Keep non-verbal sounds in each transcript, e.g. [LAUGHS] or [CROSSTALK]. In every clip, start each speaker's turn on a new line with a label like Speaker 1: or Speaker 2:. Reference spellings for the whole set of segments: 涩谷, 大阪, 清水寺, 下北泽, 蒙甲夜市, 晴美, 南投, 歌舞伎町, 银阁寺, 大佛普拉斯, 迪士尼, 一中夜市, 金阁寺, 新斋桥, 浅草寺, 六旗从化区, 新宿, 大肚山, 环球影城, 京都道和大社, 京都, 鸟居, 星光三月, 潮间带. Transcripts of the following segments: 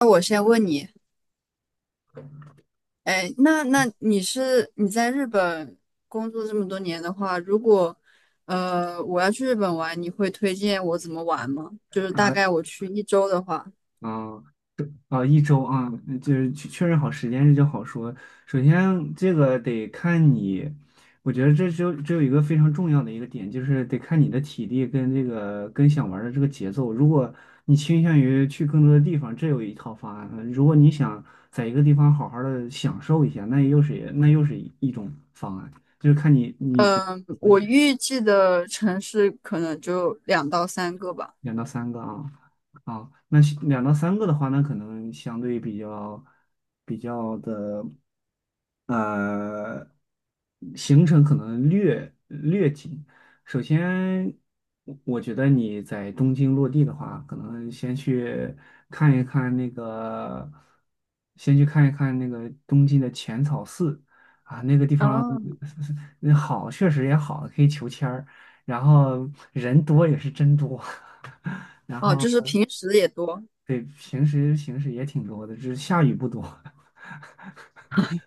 Speaker 1: 那我先问你，哎，那你在日本工作这么多年的话，如果我要去日本玩，你会推荐我怎么玩吗？就是大概
Speaker 2: 啊
Speaker 1: 我去一周的话，
Speaker 2: 啊啊！一周啊，嗯就是确认好时间这就好说。首先，这个得看你，我觉得这只有一个非常重要的一个点，就是得看你的体力跟这个跟想玩儿的这个节奏。如果你倾向于去更多的地方，这有一套方案；如果你想在一个地方好好的享受一下，那又是一种方案。就是看你觉
Speaker 1: 嗯，我预计的城市可能就两到三个吧。
Speaker 2: 两到三个啊，啊，那是两到三个的话，那可能相对比较比较的，呃，行程可能略紧。首先，我觉得你在东京落地的话，可能先去看一看那个，先去看一看那个东京的浅草寺啊，那个地方。
Speaker 1: 哦。
Speaker 2: [LAUGHS] 那好，确实也好，可以求签儿，然后人多也是真多。[LAUGHS] 然
Speaker 1: 哦，
Speaker 2: 后
Speaker 1: 就是平时也多。
Speaker 2: 对，平时也挺多的，只是下雨不多。[LAUGHS]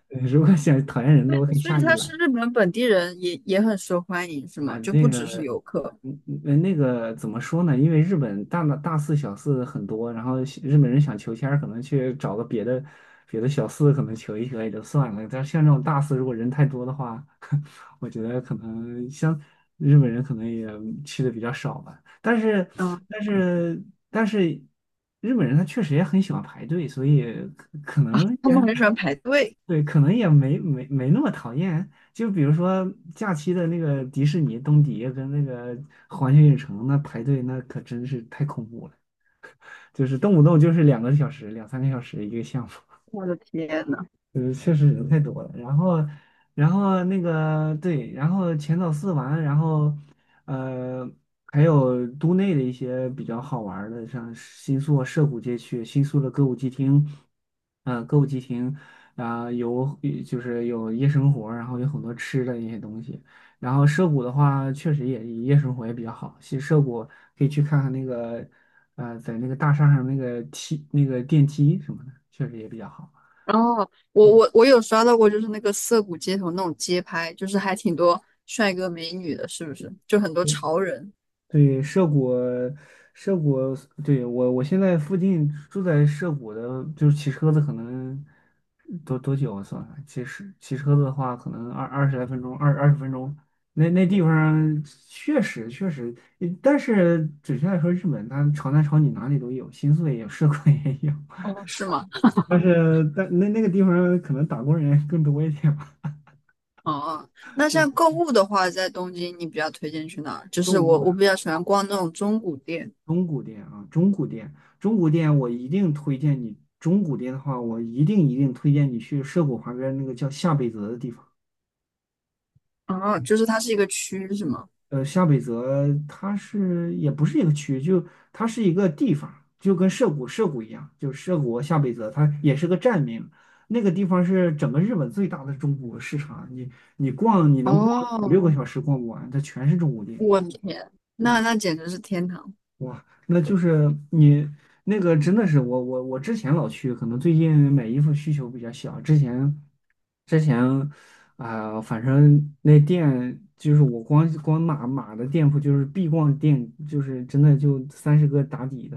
Speaker 2: 如果想讨厌人
Speaker 1: 对，
Speaker 2: 多，可以
Speaker 1: 所以
Speaker 2: 下雨
Speaker 1: 他
Speaker 2: 来。
Speaker 1: 是日本本地人也很受欢迎，是
Speaker 2: 啊，
Speaker 1: 吗？就不
Speaker 2: 那
Speaker 1: 只是
Speaker 2: 个，
Speaker 1: 游客。
Speaker 2: 嗯嗯，那个怎么说呢？因为日本大四小四很多，然后西日本人想求签儿可能去找个别的别的小四，可能求一求也就算了。但是像这种大四，如果人太多的话，[LAUGHS] 我觉得可能像日本人可能也去的比较少吧。
Speaker 1: 嗯，
Speaker 2: 但是，但是，日本人他确实也很喜欢排队，所以可能
Speaker 1: 他
Speaker 2: 也
Speaker 1: 们很喜欢排队。
Speaker 2: 对，可能也没那么讨厌。就比如说假期的那个迪士尼东迪跟那个环球影城，那排队那可真是太恐怖了，就是动不动就是两个小时、两三个小时一个项目。
Speaker 1: 我的天。
Speaker 2: 嗯，确实人太多了，然后，然后那个对，然后浅草寺玩，然后，呃，还有都内的一些比较好玩儿的，像新宿涩谷街区、新宿的歌舞伎町，嗯、歌舞伎町啊、有就是有夜生活，然后有很多吃的一些东西。然后涩谷的话，确实也夜生活也比较好。其实涩谷可以去看看那个，在那个大厦上那个梯那个电梯什么的，确实也比较好。
Speaker 1: 哦，我我
Speaker 2: 对
Speaker 1: 我有刷到过，就是那个涩谷街头那种街拍，就是还挺多帅哥美女的，是不是？就很多
Speaker 2: 对。
Speaker 1: 潮人。
Speaker 2: 对，涉谷，涉谷，对，我现在附近住在涉谷的，就是骑车子可能多久啊算算，骑车车子的话，可能二十来分钟，二十分钟。那那地方确实，嗯但是准确来说，日本它朝南朝女哪里都有，新宿也有，涉谷也有。
Speaker 1: 哦，是是吗？
Speaker 2: [LAUGHS] 但是但那那个地方可能打工人更多一点吧，
Speaker 1: 哦，嗯，
Speaker 2: [LAUGHS]
Speaker 1: 那
Speaker 2: 对，
Speaker 1: 像购物的话，在东京你比较推荐去哪儿？就
Speaker 2: 购
Speaker 1: 是
Speaker 2: 物
Speaker 1: 我
Speaker 2: 啊。
Speaker 1: 比较喜欢逛那种中古店。
Speaker 2: 中古店啊，中古店，中古店，我一定推荐你。中古店的话，我一定推荐你去涉谷旁边那个叫下北泽的地方。
Speaker 1: 哦，就是它是一个区，是吗？
Speaker 2: 呃，下北泽它是也不是一个区，就它是一个地方，就跟涉谷一样，就是涉谷和下北泽，它也是个站名。那个地方是整个日本最大的中古市场，你能逛五
Speaker 1: 哦，
Speaker 2: 六个小时逛不完，它全是中古店。
Speaker 1: 我的天，那
Speaker 2: 嗯
Speaker 1: 那简直是天堂！
Speaker 2: 哇，那就是你那个真的是我之前老去，可能最近买衣服需求比较小。之前啊、反正那店就是我光码的店铺，就是必逛店，就是真的就三十个打底的，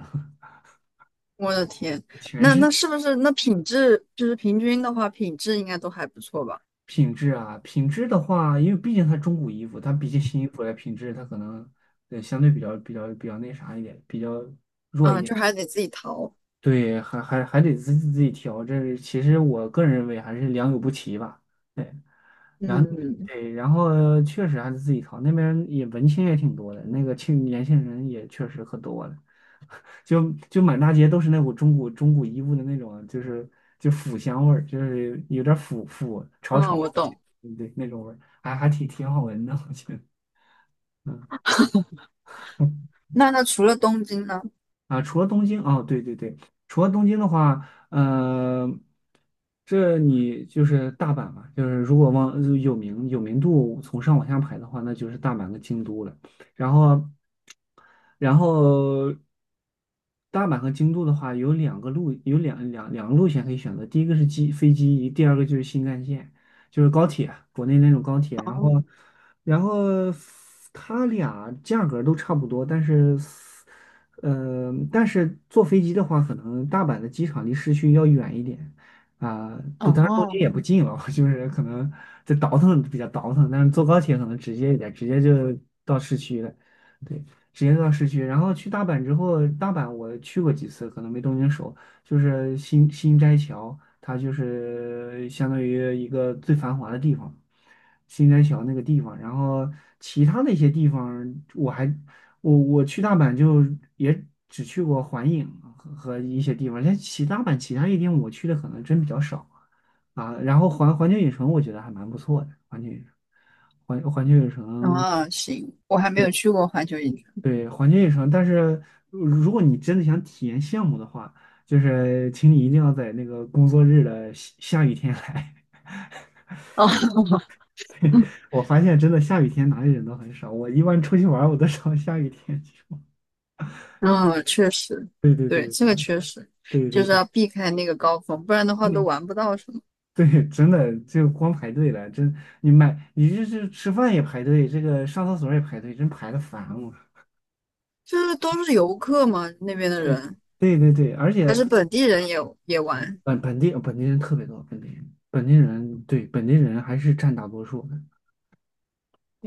Speaker 1: 我的天，
Speaker 2: [LAUGHS] 全
Speaker 1: 那
Speaker 2: 是
Speaker 1: 那是不是那品质就是平均的话，品质应该都还不错吧？
Speaker 2: 品质啊。品质的话，因为毕竟它中古衣服，它比起新衣服来品质，它可能对相对比较那啥一点，比较弱一
Speaker 1: 嗯，
Speaker 2: 点。
Speaker 1: 就还得自己淘。
Speaker 2: 对，还得自己调，这其实我个人认为还是良莠不齐吧。对，然后
Speaker 1: 嗯
Speaker 2: 对，然后确实还是自己调，那边也文青也挺多的，那个青年轻人也确实可多了，就满大街都是那股中古衣物的那种，就是就腐香味儿，就是有点腐腐潮
Speaker 1: 嗯，
Speaker 2: 潮，
Speaker 1: 我懂。
Speaker 2: 对那种味儿，还挺好闻的，我觉得。
Speaker 1: 那除了东京呢？
Speaker 2: 啊，除了东京，哦，对对对，除了东京的话，嗯，这你就是大阪嘛，就是如果往有名度从上往下排的话，那就是大阪跟京都了。然后，然后大阪和京都的话，有两个路，有两个路线可以选择。第一个是机飞机，第二个就是新干线，就是高铁，国内那种高铁。然后，
Speaker 1: 哦
Speaker 2: 然后它俩价格都差不多，但是。嗯，但是坐飞机的话，可能大阪的机场离市区要远一点啊。都、当然东京
Speaker 1: 哦
Speaker 2: 也不近了，[LAUGHS] 就是可能这倒腾比较倒腾，但是坐高铁可能直接一点，直接就到市区了。对，直接到市区。然后去大阪之后，大阪我去过几次，可能没东京熟。就是新新斋桥，它就是相当于一个最繁华的地方。新斋桥那个地方，然后其他的一些地方我还我去大阪就也只去过环影啊和和一些地方，像其他阪其他一点我去的可能真比较少啊。啊然后环球影城我觉得还蛮不错的，环球影城，环球影城，
Speaker 1: 哦，行，我还没有
Speaker 2: 对
Speaker 1: 去过环球影城。
Speaker 2: 对，环球影城。但是如果你真的想体验项目的话，就是请你一定要在那个工作日的下雨天来。
Speaker 1: 哦，
Speaker 2: [LAUGHS] 我发现真的下雨天哪里人都很少，我一般出去玩儿我都找下雨天去玩。
Speaker 1: 嗯，确实，
Speaker 2: [LAUGHS] 对对
Speaker 1: 对，
Speaker 2: 对，
Speaker 1: 这个
Speaker 2: 啊，
Speaker 1: 确实
Speaker 2: 对
Speaker 1: 就
Speaker 2: 对
Speaker 1: 是
Speaker 2: 对。
Speaker 1: 要避开那个高峰，不然的话都
Speaker 2: 那。
Speaker 1: 玩不到什么。
Speaker 2: [LAUGHS] 对，真的就光排队了，真你买你这是吃饭也排队，这个上厕所也排队，真排的烦我。
Speaker 1: 就是都是游客嘛，那边的人
Speaker 2: 对对对对，而
Speaker 1: 还
Speaker 2: 且
Speaker 1: 是本地人也玩。
Speaker 2: 本地本地人特别多，本地人对本地人还是占大多数的，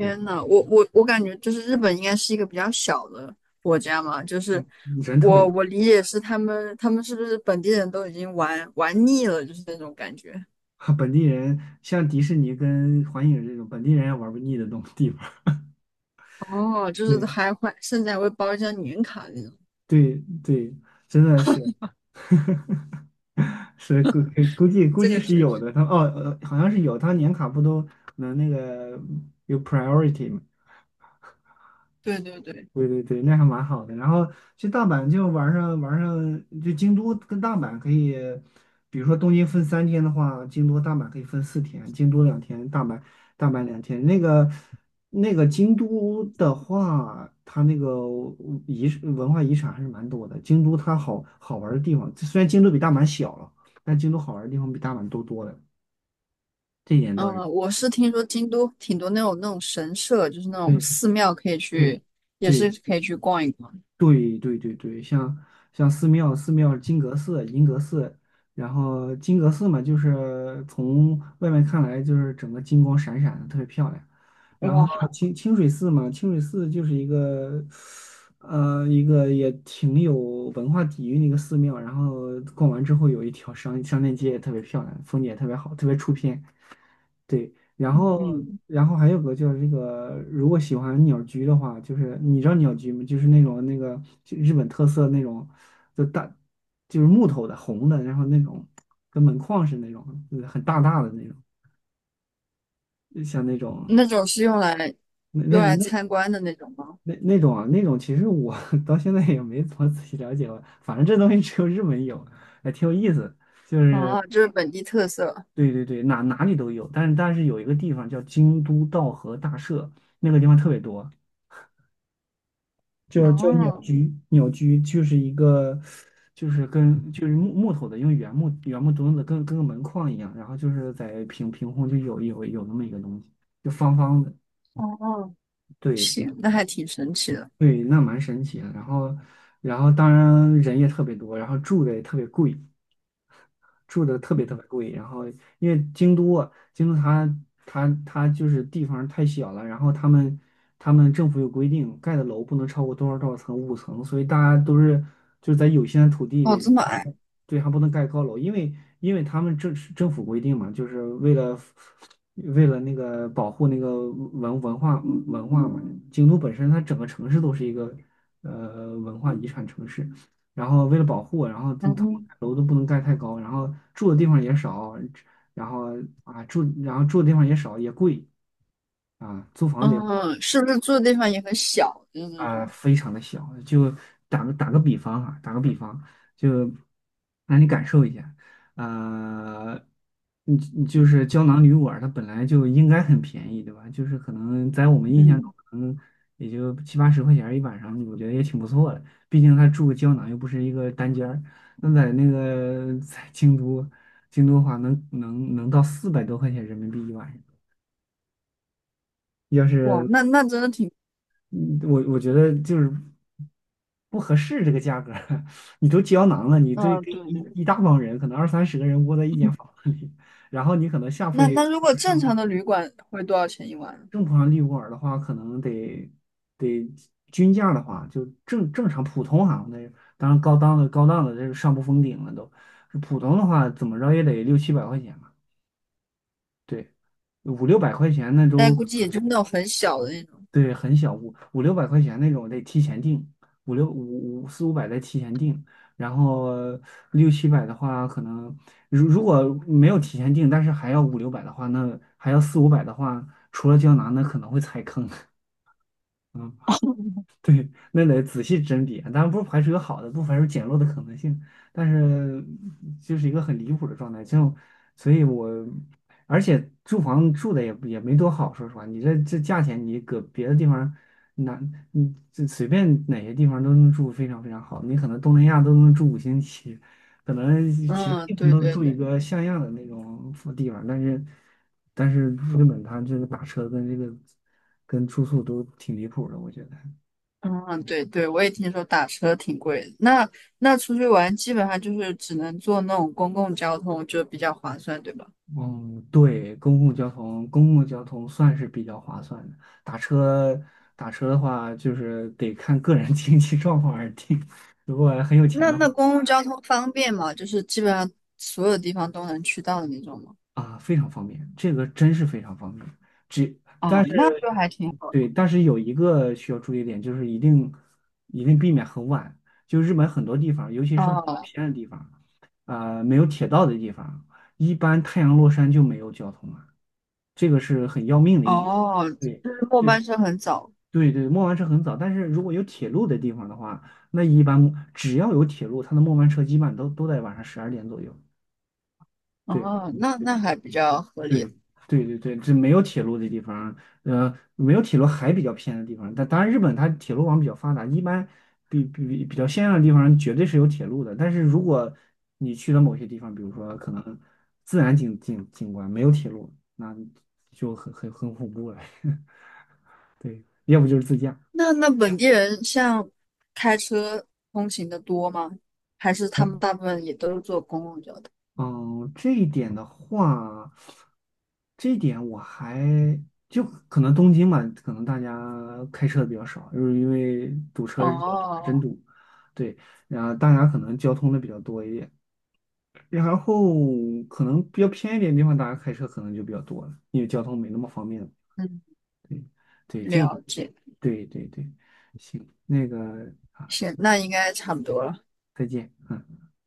Speaker 2: 对
Speaker 1: 呐，我感觉就是日本应该是一个比较小的国家嘛，就是
Speaker 2: 人特别
Speaker 1: 我
Speaker 2: 多，
Speaker 1: 我理解是他们是不是本地人都已经玩腻了，就是那种感觉。
Speaker 2: [LAUGHS] 本地人像迪士尼跟环影这种本地人也玩不腻的东地方，
Speaker 1: 哦，就
Speaker 2: [LAUGHS]
Speaker 1: 是
Speaker 2: 对
Speaker 1: 还会甚至还会包一张年卡那种。
Speaker 2: 对对，真的是。[LAUGHS] 是估估计估
Speaker 1: 这
Speaker 2: 计
Speaker 1: 个
Speaker 2: 是
Speaker 1: 确
Speaker 2: 有
Speaker 1: 实，
Speaker 2: 的，他哦，呃好像是有，他年卡不都能那个有 priority 吗？
Speaker 1: 对对对。
Speaker 2: 对对对，那还蛮好的。然后去大阪就玩上，就京都跟大阪可以，比如说东京分三天的话，京都大阪可以分四天，京都两天，大阪两天。那个京都的话，它那个遗文化遗产还是蛮多的。京都它好好玩的地方，虽然京都比大阪小了，但京都好玩的地方比大阪多多了。这一点
Speaker 1: 嗯，
Speaker 2: 倒是。
Speaker 1: 我是听说京都挺多那种那种神社，就是那种
Speaker 2: 对
Speaker 1: 寺庙可以
Speaker 2: 对
Speaker 1: 去，也是
Speaker 2: 对。
Speaker 1: 可以去逛一逛。
Speaker 2: 对对对对，像像寺庙，寺庙金阁寺、银阁寺，然后金阁寺嘛，就是从外面看来就是整个金光闪闪的，特别漂亮。然后
Speaker 1: 哇。
Speaker 2: 清清水寺嘛，清水寺就是一个一个也挺有文化底蕴的一个寺庙。然后逛完之后有一条商商店街也特别漂亮，风景也特别好，特别出片。对，然后
Speaker 1: 嗯，
Speaker 2: 然后还有个就是这个，如果喜欢鸟居的话，就是你知道鸟居吗？就是那种那个就日本特色那种，就大就是木头的红的，然后那种跟门框似的那种，就是很大大的那种，就像那种
Speaker 1: 那种是用来
Speaker 2: 那那
Speaker 1: 用来
Speaker 2: 那
Speaker 1: 参观的那种吗？
Speaker 2: 那那种啊，那种其实我 [LAUGHS] 到现在也没怎么仔细了解过，反正这东西只有日本有，还挺有意思。就是
Speaker 1: 啊，就是本地特色。
Speaker 2: 对对对，哪里都有，但是有一个地方叫京都道和大社，那个地方特别多。就鸟
Speaker 1: 哦
Speaker 2: 居，鸟居就是一个，就是跟就是木头的，用原木墩子跟个门框一样，然后就是在凭空就有那么一个东西，就方方的，
Speaker 1: 哦哦，
Speaker 2: 对
Speaker 1: 行，那还挺神奇的。
Speaker 2: 对，那蛮神奇的。然后当然人也特别多，然后住的也特别贵，住的特别特别贵。然后因为京都它就是地方太小了，然后他们政府有规定，盖的楼不能超过多少多少层，5层，所以大家都是就是在有限的土地
Speaker 1: 哦，
Speaker 2: 里，
Speaker 1: 这么
Speaker 2: 还
Speaker 1: 矮。
Speaker 2: 不对，还不能盖高楼，因为他们政府规定嘛，为了那个保护那个文化嘛，京都本身它整个城市都是一个文化遗产城市。然后为了保护，然后他们
Speaker 1: 嗯。
Speaker 2: 楼都不能盖太高，然后住的地方也少，然后啊住，然后住的地方也少，也贵啊，租房子也不好。
Speaker 1: 嗯，是不是住的地方也很小？的那
Speaker 2: 啊，
Speaker 1: 种。
Speaker 2: 非常的小。就打个比方哈，打个比方，就让你感受一下，呃，你就是胶囊旅馆，它本来就应该很便宜，对吧？就是可能在我们印象中，
Speaker 1: 嗯。
Speaker 2: 可能也就七八十块钱儿一晚上，我觉得也挺不错的。毕竟它住个胶囊又不是一个单间儿。那在那个 [LAUGHS] 在京都，京都的话能到400多块钱人民币一晚上。要
Speaker 1: 哇，
Speaker 2: 是
Speaker 1: 那真的挺。
Speaker 2: 嗯，我觉得就是不合适这个价格儿。 [LAUGHS] 你都胶囊了，你这
Speaker 1: 嗯，
Speaker 2: 跟
Speaker 1: 对
Speaker 2: 一
Speaker 1: 对。
Speaker 2: 一大帮人，可能二三十个人窝在一间房子里，然后你可能下铺
Speaker 1: 那
Speaker 2: 也有
Speaker 1: 那如果
Speaker 2: 人
Speaker 1: 正
Speaker 2: 上铺，
Speaker 1: 常的旅馆会多少钱一晚？
Speaker 2: 正铺上利卧儿的话，可能得均价的话，就正常普通哈，那当然高档的这是上不封顶了都，普通的话怎么着也得六七百块钱吧，对，五六百块钱那
Speaker 1: 但
Speaker 2: 都，
Speaker 1: 估计也就是那种很小的那种。
Speaker 2: 对，很小，五六百块钱那种得提前订，五六五五四五百得提前订，然后六七百的话，可能如果没有提前订，但是还要五六百的话，那还要四五百的话，除了胶囊，那可能会踩坑。[LAUGHS] 嗯，对，那得仔细甄别，当然不排除有好的，不排除捡漏的可能性，但是就是一个很离谱的状态。这种，所以我，而且住房住的也没多好，说实话，你这价钱，你搁别的地方，哪你这随便哪些地方都能住非常非常好，你可能东南亚都能住五星级，可能其他
Speaker 1: 嗯，
Speaker 2: 地方
Speaker 1: 对
Speaker 2: 都
Speaker 1: 对
Speaker 2: 住一
Speaker 1: 对。
Speaker 2: 个像样的那种地方，但是日本它这个打车跟这个跟住宿都挺离谱的，我觉得。
Speaker 1: 嗯，对对，我也听说打车挺贵的。那出去玩基本上就是只能坐那种公共交通，就比较划算，对吧？
Speaker 2: 嗯，对，公共交通，公共交通算是比较划算的。打车，打车的话，就是得看个人 [LAUGHS] 经济状况而定。如果很有钱
Speaker 1: 那
Speaker 2: 的
Speaker 1: 那
Speaker 2: 话，
Speaker 1: 公共交通方便吗？就是基本上所有地方都能去到的那种吗？
Speaker 2: 啊，非常方便，这个真是非常方便。只，
Speaker 1: 啊，
Speaker 2: 但是
Speaker 1: 那就还挺好的。
Speaker 2: 对，但是有一个需要注意点，就是一定一定避免很晚。就日本很多地方，尤其是比较
Speaker 1: 哦
Speaker 2: 偏的地方，啊，没有铁道的地方，一般太阳落山就没有交通了，这个是很要命的一点。
Speaker 1: 哦，
Speaker 2: 对
Speaker 1: 就是末
Speaker 2: 对。
Speaker 1: 班车很早。
Speaker 2: 对对，末班车很早，但是如果有铁路的地方的话，那一般只要有铁路，它的末班车基本都在晚上12点左右。对
Speaker 1: 哦，那
Speaker 2: 对
Speaker 1: 那还比较合理。
Speaker 2: 对对对，这没有铁路的地方，没有铁路还比较偏的地方，但当然日本它铁路网比较发达，一般比较先进的地方绝对是有铁路的。但是如果你去了某些地方，比如说可能自然景观没有铁路，那就很恐怖了。[LAUGHS] 对，要不就是自驾。
Speaker 1: 那本地人像开车通勤的多吗？还是
Speaker 2: 哎，
Speaker 1: 他们大部分也都是坐公共交通？
Speaker 2: 嗯，这一点的话，这一点我还就可能东京嘛，可能大家开车的比较少，就是因为堵车是真
Speaker 1: 哦，
Speaker 2: 堵，对，然后大家可能交通的比较多一点，然后可能比较偏一点的地方，大家开车可能就比较多了，因为交通没那么方便了。
Speaker 1: 嗯，
Speaker 2: 对，对，这一点，
Speaker 1: 了解，
Speaker 2: 对对对，行，那个啊，
Speaker 1: 行，那应该差不多了。
Speaker 2: 再见。嗯。